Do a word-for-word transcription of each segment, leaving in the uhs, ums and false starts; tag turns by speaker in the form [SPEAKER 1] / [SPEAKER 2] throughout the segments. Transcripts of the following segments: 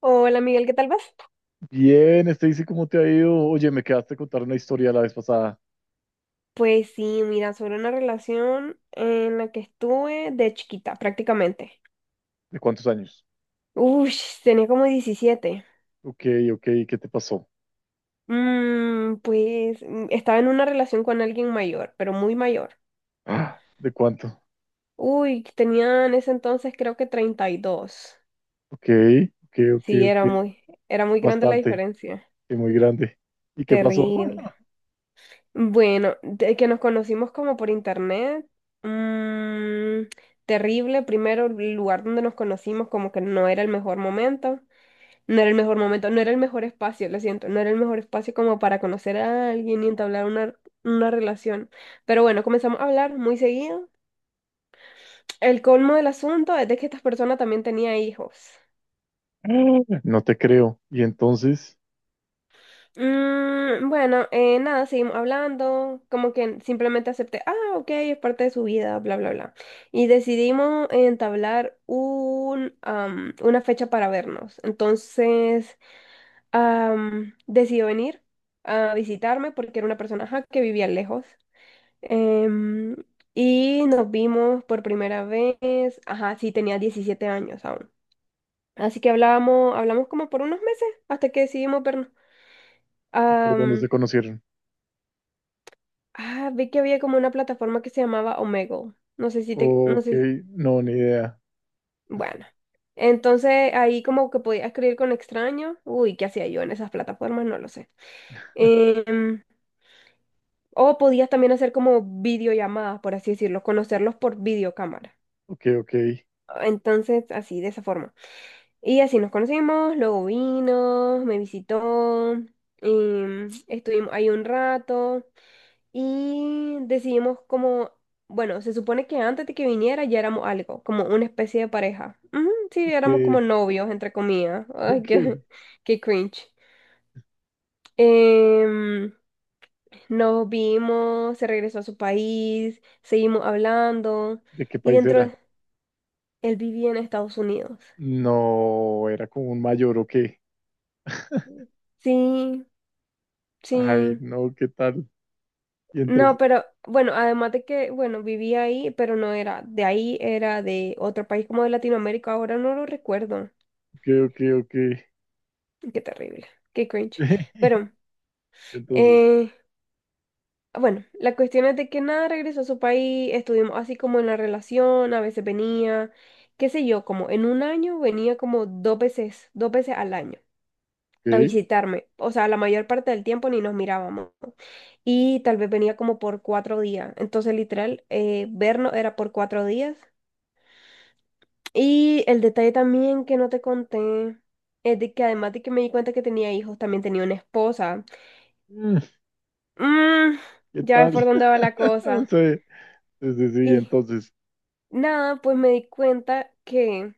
[SPEAKER 1] Hola Miguel, ¿qué tal vas?
[SPEAKER 2] Bien, Stacy, ¿cómo te ha ido? Oye, me quedaste a contar una historia la vez pasada.
[SPEAKER 1] Pues sí, mira, sobre una relación en la que estuve de chiquita, prácticamente.
[SPEAKER 2] ¿De cuántos años?
[SPEAKER 1] Uy, tenía como diecisiete.
[SPEAKER 2] Ok, ok, ¿qué te pasó?
[SPEAKER 1] Mm, pues mm, estaba en una relación con alguien mayor, pero muy mayor.
[SPEAKER 2] Ah, ¿de cuánto?
[SPEAKER 1] Uy, tenía en ese entonces creo que treinta y dos.
[SPEAKER 2] Ok, ok, ok,
[SPEAKER 1] Sí,
[SPEAKER 2] ok.
[SPEAKER 1] era muy, era muy grande la
[SPEAKER 2] Bastante,
[SPEAKER 1] diferencia.
[SPEAKER 2] y muy grande. ¿Y qué pasó?
[SPEAKER 1] Terrible. Bueno, de que nos conocimos como por internet. mm, Terrible. Primero, el lugar donde nos conocimos como que no era el mejor momento, no era el mejor momento, no era el mejor espacio, lo siento, no era el mejor espacio como para conocer a alguien y entablar una, una relación. Pero bueno, comenzamos a hablar muy seguido. El colmo del asunto es de que esta persona también tenía hijos.
[SPEAKER 2] No te creo. ¿Y entonces?
[SPEAKER 1] Mm, bueno, eh, nada, seguimos hablando, como que simplemente acepté, ah, ok, es parte de su vida, bla, bla, bla. Y decidimos entablar un, am, una fecha para vernos. Entonces, am, decidió venir a visitarme porque era una persona ajá, que vivía lejos. Em, y nos vimos por primera vez, ajá, sí, tenía diecisiete años aún. Así que hablábamos, hablamos como por unos meses hasta que decidimos vernos.
[SPEAKER 2] ¿Y ¿por dónde se conocieron?
[SPEAKER 1] Ah, vi que había como una plataforma que se llamaba Omegle. No sé si te, no
[SPEAKER 2] Ok,
[SPEAKER 1] sé si-
[SPEAKER 2] no, ni idea.
[SPEAKER 1] Bueno. Entonces ahí como que podía escribir con extraños. Uy, ¿qué hacía yo en esas plataformas? No lo sé. Em, o podías también hacer como videollamadas, por así decirlo, conocerlos por videocámara.
[SPEAKER 2] Ok, ok,
[SPEAKER 1] Entonces, así, de esa forma. Y así nos conocimos, luego vino, me visitó. Em, estuvimos ahí un rato. Y decidimos como, bueno, se supone que antes de que viniera ya éramos algo, como una especie de pareja. Ujú, sí,
[SPEAKER 2] ok,
[SPEAKER 1] éramos como novios, entre comillas. Ay,
[SPEAKER 2] ok.
[SPEAKER 1] qué, qué cringe. Em, Nos vimos, se regresó a su país, seguimos hablando
[SPEAKER 2] ¿De qué
[SPEAKER 1] y
[SPEAKER 2] país
[SPEAKER 1] dentro
[SPEAKER 2] era?
[SPEAKER 1] de- él vivía en Estados Unidos.
[SPEAKER 2] No, era como un mayor, o qué.
[SPEAKER 1] Sí,
[SPEAKER 2] Ay,
[SPEAKER 1] sí.
[SPEAKER 2] no, ¿qué tal? Y
[SPEAKER 1] No,
[SPEAKER 2] entonces,
[SPEAKER 1] pero bueno, además de que, bueno, vivía ahí, pero no era de ahí, era de otro país como de Latinoamérica, ahora no lo recuerdo.
[SPEAKER 2] ok, ok, ok.
[SPEAKER 1] Qué terrible, qué cringe. Pero,
[SPEAKER 2] Entonces,
[SPEAKER 1] eh, bueno, la cuestión es de que nada, regresó a su país, estuvimos así como en la relación, a veces venía, qué sé yo, como en un año venía como dos veces, dos veces al año a
[SPEAKER 2] ¿qué?
[SPEAKER 1] visitarme. O sea, la mayor parte del tiempo ni nos mirábamos. Y tal vez venía como por cuatro días. Entonces, literal, eh, vernos era por cuatro días. Y el detalle también que no te conté es de que además de que me di cuenta que tenía hijos, también tenía una esposa.
[SPEAKER 2] Mm,
[SPEAKER 1] Mm,
[SPEAKER 2] ¿qué
[SPEAKER 1] ya ves por
[SPEAKER 2] tal?
[SPEAKER 1] dónde va la cosa.
[SPEAKER 2] Sí, sí, sí, sí,
[SPEAKER 1] Y
[SPEAKER 2] entonces,
[SPEAKER 1] nada, pues me di cuenta que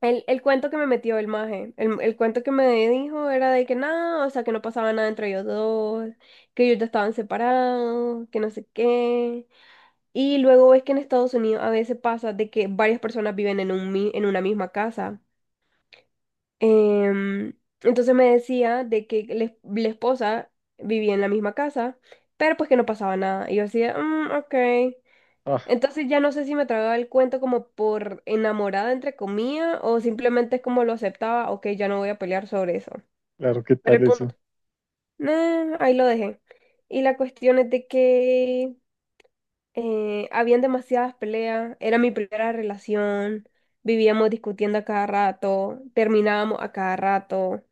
[SPEAKER 1] el, el cuento que me metió el maje, el, el cuento que me dijo era de que nada, o sea, que no pasaba nada entre ellos dos, que ellos ya estaban separados, que no sé qué. Y luego ves que en Estados Unidos a veces pasa de que varias personas viven en un, mi- en una misma casa. Em, entonces me decía de que la la esposa vivía en la misma casa. Pero pues que no pasaba nada. Y yo decía, ok.
[SPEAKER 2] ah,
[SPEAKER 1] Entonces ya no sé si me tragaba el cuento como por enamorada, entre comillas, o simplemente es como lo aceptaba, ok, ya no voy a pelear sobre eso.
[SPEAKER 2] claro, ¿qué
[SPEAKER 1] Pero
[SPEAKER 2] tal
[SPEAKER 1] el punto,
[SPEAKER 2] eso?
[SPEAKER 1] nah, ahí lo dejé. Y la cuestión es de que eh, habían demasiadas peleas, era mi primera relación, vivíamos discutiendo a cada rato, terminábamos a cada rato,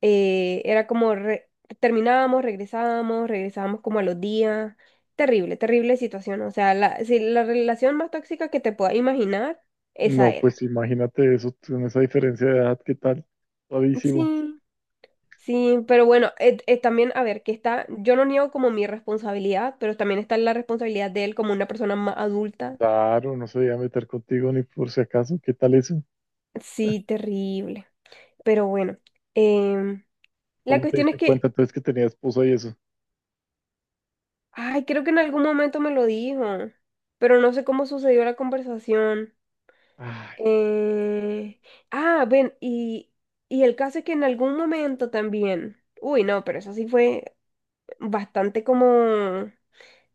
[SPEAKER 1] eh, era como re- terminábamos, regresábamos, regresábamos como a los días. Terrible, terrible situación. O sea, la, si la relación más tóxica que te puedas imaginar,
[SPEAKER 2] No,
[SPEAKER 1] esa era.
[SPEAKER 2] pues imagínate eso, con esa diferencia de edad, ¿qué tal? Suavísimo.
[SPEAKER 1] Sí, sí, pero bueno, eh, eh, también, a ver, que está, yo no niego como mi responsabilidad, pero también está la responsabilidad de él como una persona más adulta.
[SPEAKER 2] Claro, no se iba a meter contigo ni por si acaso, ¿qué tal eso?
[SPEAKER 1] Sí, terrible. Pero bueno, em, la
[SPEAKER 2] ¿Cómo te
[SPEAKER 1] cuestión es
[SPEAKER 2] diste cuenta
[SPEAKER 1] que,
[SPEAKER 2] entonces que tenía esposa y eso?
[SPEAKER 1] ay, creo que en algún momento me lo dijo, pero no sé cómo sucedió la conversación.
[SPEAKER 2] Ay,
[SPEAKER 1] Eh, ah, Ven, y, y el caso es que en algún momento también, uy, no, pero eso sí fue bastante como,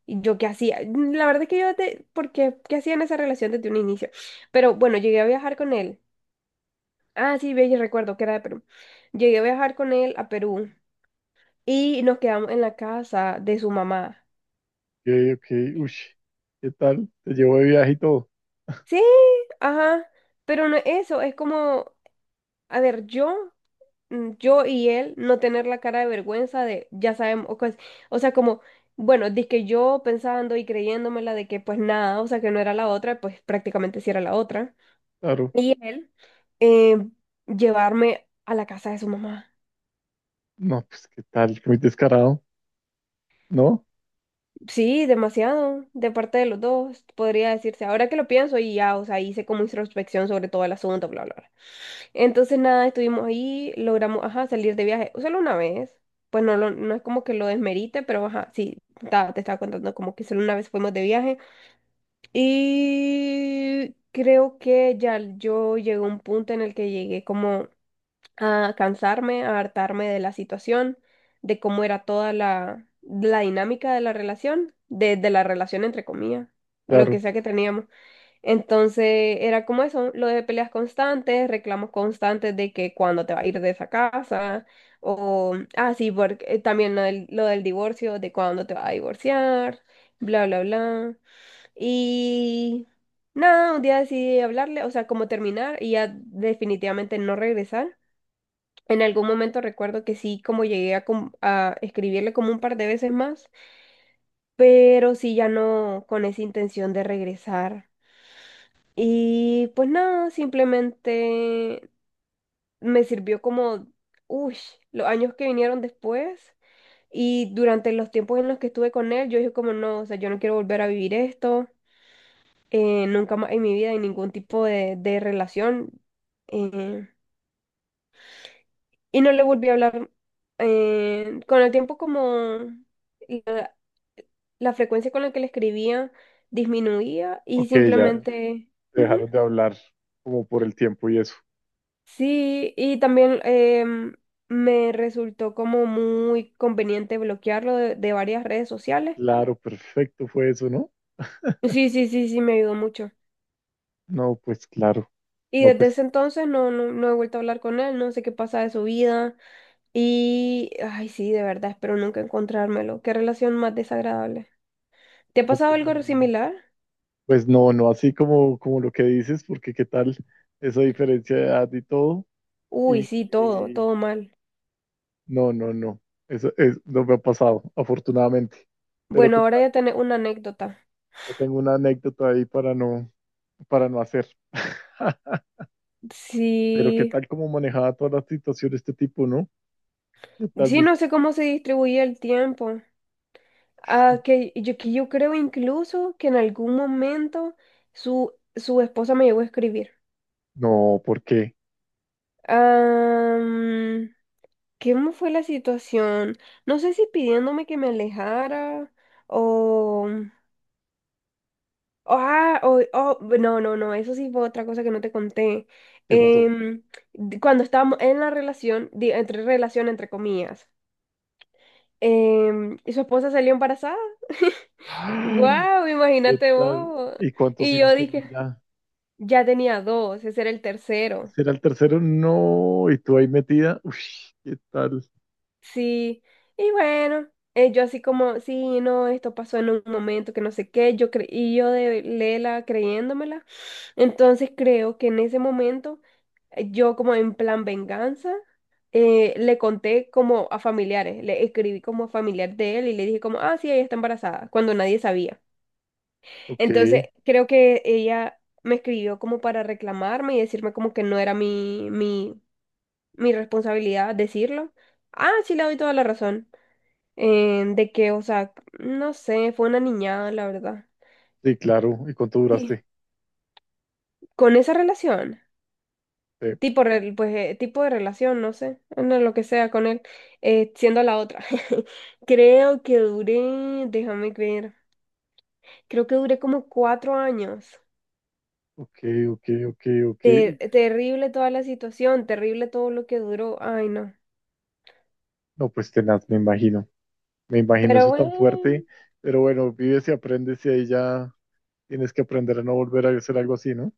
[SPEAKER 1] ¿y yo qué hacía? Mm, La verdad es que yo, de, porque, ¿qué hacía en esa relación desde un inicio? Pero bueno, llegué a viajar con él. Ah, sí, ve, yo recuerdo que era de Perú. Llegué a viajar con él a Perú y nos quedamos en la casa de su mamá.
[SPEAKER 2] ok, ok, uy, ¿qué tal? Te llevo de viaje y todo,
[SPEAKER 1] Sí, ajá, pero no es eso, es como, a ver, yo... mm, yo y él no tener la cara de vergüenza de, ya sabemos, o, cos- o sea, como, bueno, que yo pensando y creyéndomela de que pues nada, o sea, que no era la otra, pues prácticamente sí era la otra.
[SPEAKER 2] claro.
[SPEAKER 1] Y él eh, llevarme a la casa de su mamá.
[SPEAKER 2] No, pues, ¿qué tal? Muy descarado, ¿no?
[SPEAKER 1] Sí, demasiado, de parte de los dos, podría decirse. Ahora que lo pienso y ya, o sea, hice como introspección sobre todo el asunto, bla, bla, bla. Entonces nada, estuvimos ahí, logramos, ajá, salir de viaje solo una vez. Pues no, lo- no es como que lo desmerite, pero ajá, sí, ta- te estaba contando como que solo una vez fuimos de viaje. Y creo que ya yo llegué a un punto en el que llegué como a cansarme, a hartarme de la situación, de cómo era toda la, la dinámica de la relación, de, de la relación entre comillas, o lo que
[SPEAKER 2] Claro,
[SPEAKER 1] sea que teníamos. Entonces era como eso, lo de peleas constantes, reclamos constantes de que cuándo te va a ir de esa casa, o, ah, sí, porque, eh, también lo del, lo del divorcio, de cuándo te vas a divorciar, bla, bla, bla. Y nada, un día decidí hablarle, o sea, como terminar y ya definitivamente no regresar. En algún momento recuerdo que sí, como llegué a, com- a escribirle como un par de veces más, pero sí ya no con esa intención de regresar. Y pues nada, simplemente me sirvió como, uy, los años que vinieron después y durante los tiempos en los que estuve con él, yo dije como no, o sea, yo no quiero volver a vivir esto, eh, nunca más en mi vida, en ningún tipo de, de relación. eh, y no le volví a hablar. Eh, con el tiempo, como la, la frecuencia con la que le escribía disminuía y
[SPEAKER 2] ok, ya
[SPEAKER 1] simplemente... Ujú.
[SPEAKER 2] dejaron de hablar como por el tiempo y eso.
[SPEAKER 1] Sí, y también em, me resultó como muy conveniente bloquearlo de, de varias redes sociales.
[SPEAKER 2] Claro, perfecto fue eso, ¿no?
[SPEAKER 1] Sí, sí, sí, sí, me ayudó mucho.
[SPEAKER 2] No, pues claro.
[SPEAKER 1] Y
[SPEAKER 2] No,
[SPEAKER 1] desde
[SPEAKER 2] pues,
[SPEAKER 1] ese entonces no, no, no he vuelto a hablar con él, no sé qué pasa de su vida. Y, ay, sí, de verdad, espero nunca encontrármelo. Qué relación más desagradable. ¿Te ha
[SPEAKER 2] no,
[SPEAKER 1] pasado
[SPEAKER 2] pues,
[SPEAKER 1] algo
[SPEAKER 2] mm,
[SPEAKER 1] similar?
[SPEAKER 2] pues, no, no así como, como lo que dices, porque qué tal esa diferencia de edad y todo.
[SPEAKER 1] Uy,
[SPEAKER 2] Y,
[SPEAKER 1] sí, todo,
[SPEAKER 2] y
[SPEAKER 1] todo mal.
[SPEAKER 2] no, no, no. Eso es, no me ha pasado, afortunadamente. Pero
[SPEAKER 1] Bueno,
[SPEAKER 2] qué
[SPEAKER 1] ahora
[SPEAKER 2] tal.
[SPEAKER 1] ya tenés una anécdota.
[SPEAKER 2] Yo tengo una anécdota ahí para no, para no hacer. Pero qué
[SPEAKER 1] Sí,
[SPEAKER 2] tal como manejaba toda la situación de este tipo, ¿no? ¿Qué tal?
[SPEAKER 1] sí,
[SPEAKER 2] Dice,
[SPEAKER 1] no sé cómo se distribuye el tiempo. Ah,
[SPEAKER 2] "Sí".
[SPEAKER 1] que yo, que yo creo incluso que en algún momento su, su esposa me llegó a escribir.
[SPEAKER 2] No, ¿por qué?
[SPEAKER 1] Am, ¿Cómo fue la situación? No sé si pidiéndome que me alejara o... Ah, o, oh, no, no, no, eso sí fue otra cosa que no te conté.
[SPEAKER 2] ¿Qué pasó?
[SPEAKER 1] Em, di- Cuando estábamos en la relación, di- entre relación, entre comillas, em, y su esposa salió embarazada. ¡Guau!
[SPEAKER 2] ¿Qué
[SPEAKER 1] Imagínate
[SPEAKER 2] tal?
[SPEAKER 1] vos.
[SPEAKER 2] ¿Y cuántos
[SPEAKER 1] Y
[SPEAKER 2] hijos
[SPEAKER 1] yo
[SPEAKER 2] tenía
[SPEAKER 1] dije,
[SPEAKER 2] ya?
[SPEAKER 1] ya tenía dos, ese era el tercero.
[SPEAKER 2] ¿Ese era el tercero? No, y tú ahí metida. Uy, ¿qué tal?
[SPEAKER 1] Sí, y bueno, eh, yo así como, sí, no, esto pasó en un momento que no sé qué, yo cre- y yo de Lela creyéndomela. Entonces creo que en ese momento, eh, yo como en plan venganza, eh, le conté como a familiares, le escribí como a familiar de él y le dije como, ah, sí, ella está embarazada, cuando nadie sabía.
[SPEAKER 2] Ok,
[SPEAKER 1] Entonces creo que ella me escribió como para reclamarme y decirme como que no era mi, mi mi responsabilidad decirlo. Ah, sí, le doy toda la razón. Eh, de que, o sea, no sé, fue una niñada, la verdad.
[SPEAKER 2] sí, claro. ¿Y cuánto
[SPEAKER 1] Sí,
[SPEAKER 2] duraste?
[SPEAKER 1] con esa relación,
[SPEAKER 2] Sí.
[SPEAKER 1] tipo, rel- pues, eh, tipo de relación, no sé, no, lo que sea con él, eh, siendo la otra. Creo que duré, déjame ver, creo que duré como cuatro años.
[SPEAKER 2] Ok, ok, ok, ok.
[SPEAKER 1] Ter-
[SPEAKER 2] Uf,
[SPEAKER 1] terrible toda la situación, terrible todo lo que duró, ay no.
[SPEAKER 2] no, pues tenaz, me imagino. Me imagino
[SPEAKER 1] Pero
[SPEAKER 2] eso tan
[SPEAKER 1] bueno.
[SPEAKER 2] fuerte. Pero bueno, vives y aprendes y ahí ya tienes que aprender a no volver a hacer algo así, ¿no?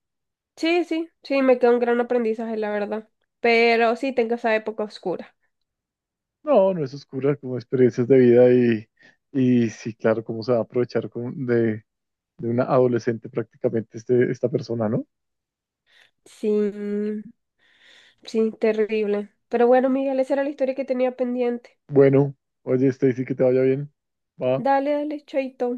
[SPEAKER 1] Sí, sí, sí, me quedó un gran aprendizaje, la verdad. Pero sí, tengo esa época oscura.
[SPEAKER 2] No, no es oscura, como experiencias de vida y, y sí, claro, cómo se va a aprovechar con- de, de una adolescente prácticamente este, esta persona, ¿no?
[SPEAKER 1] Sí, sí, terrible. Pero bueno, Miguel, esa era la historia que tenía pendiente.
[SPEAKER 2] Bueno, oye, Stacy, que te vaya bien. Va.
[SPEAKER 1] Dale, dale, chaito.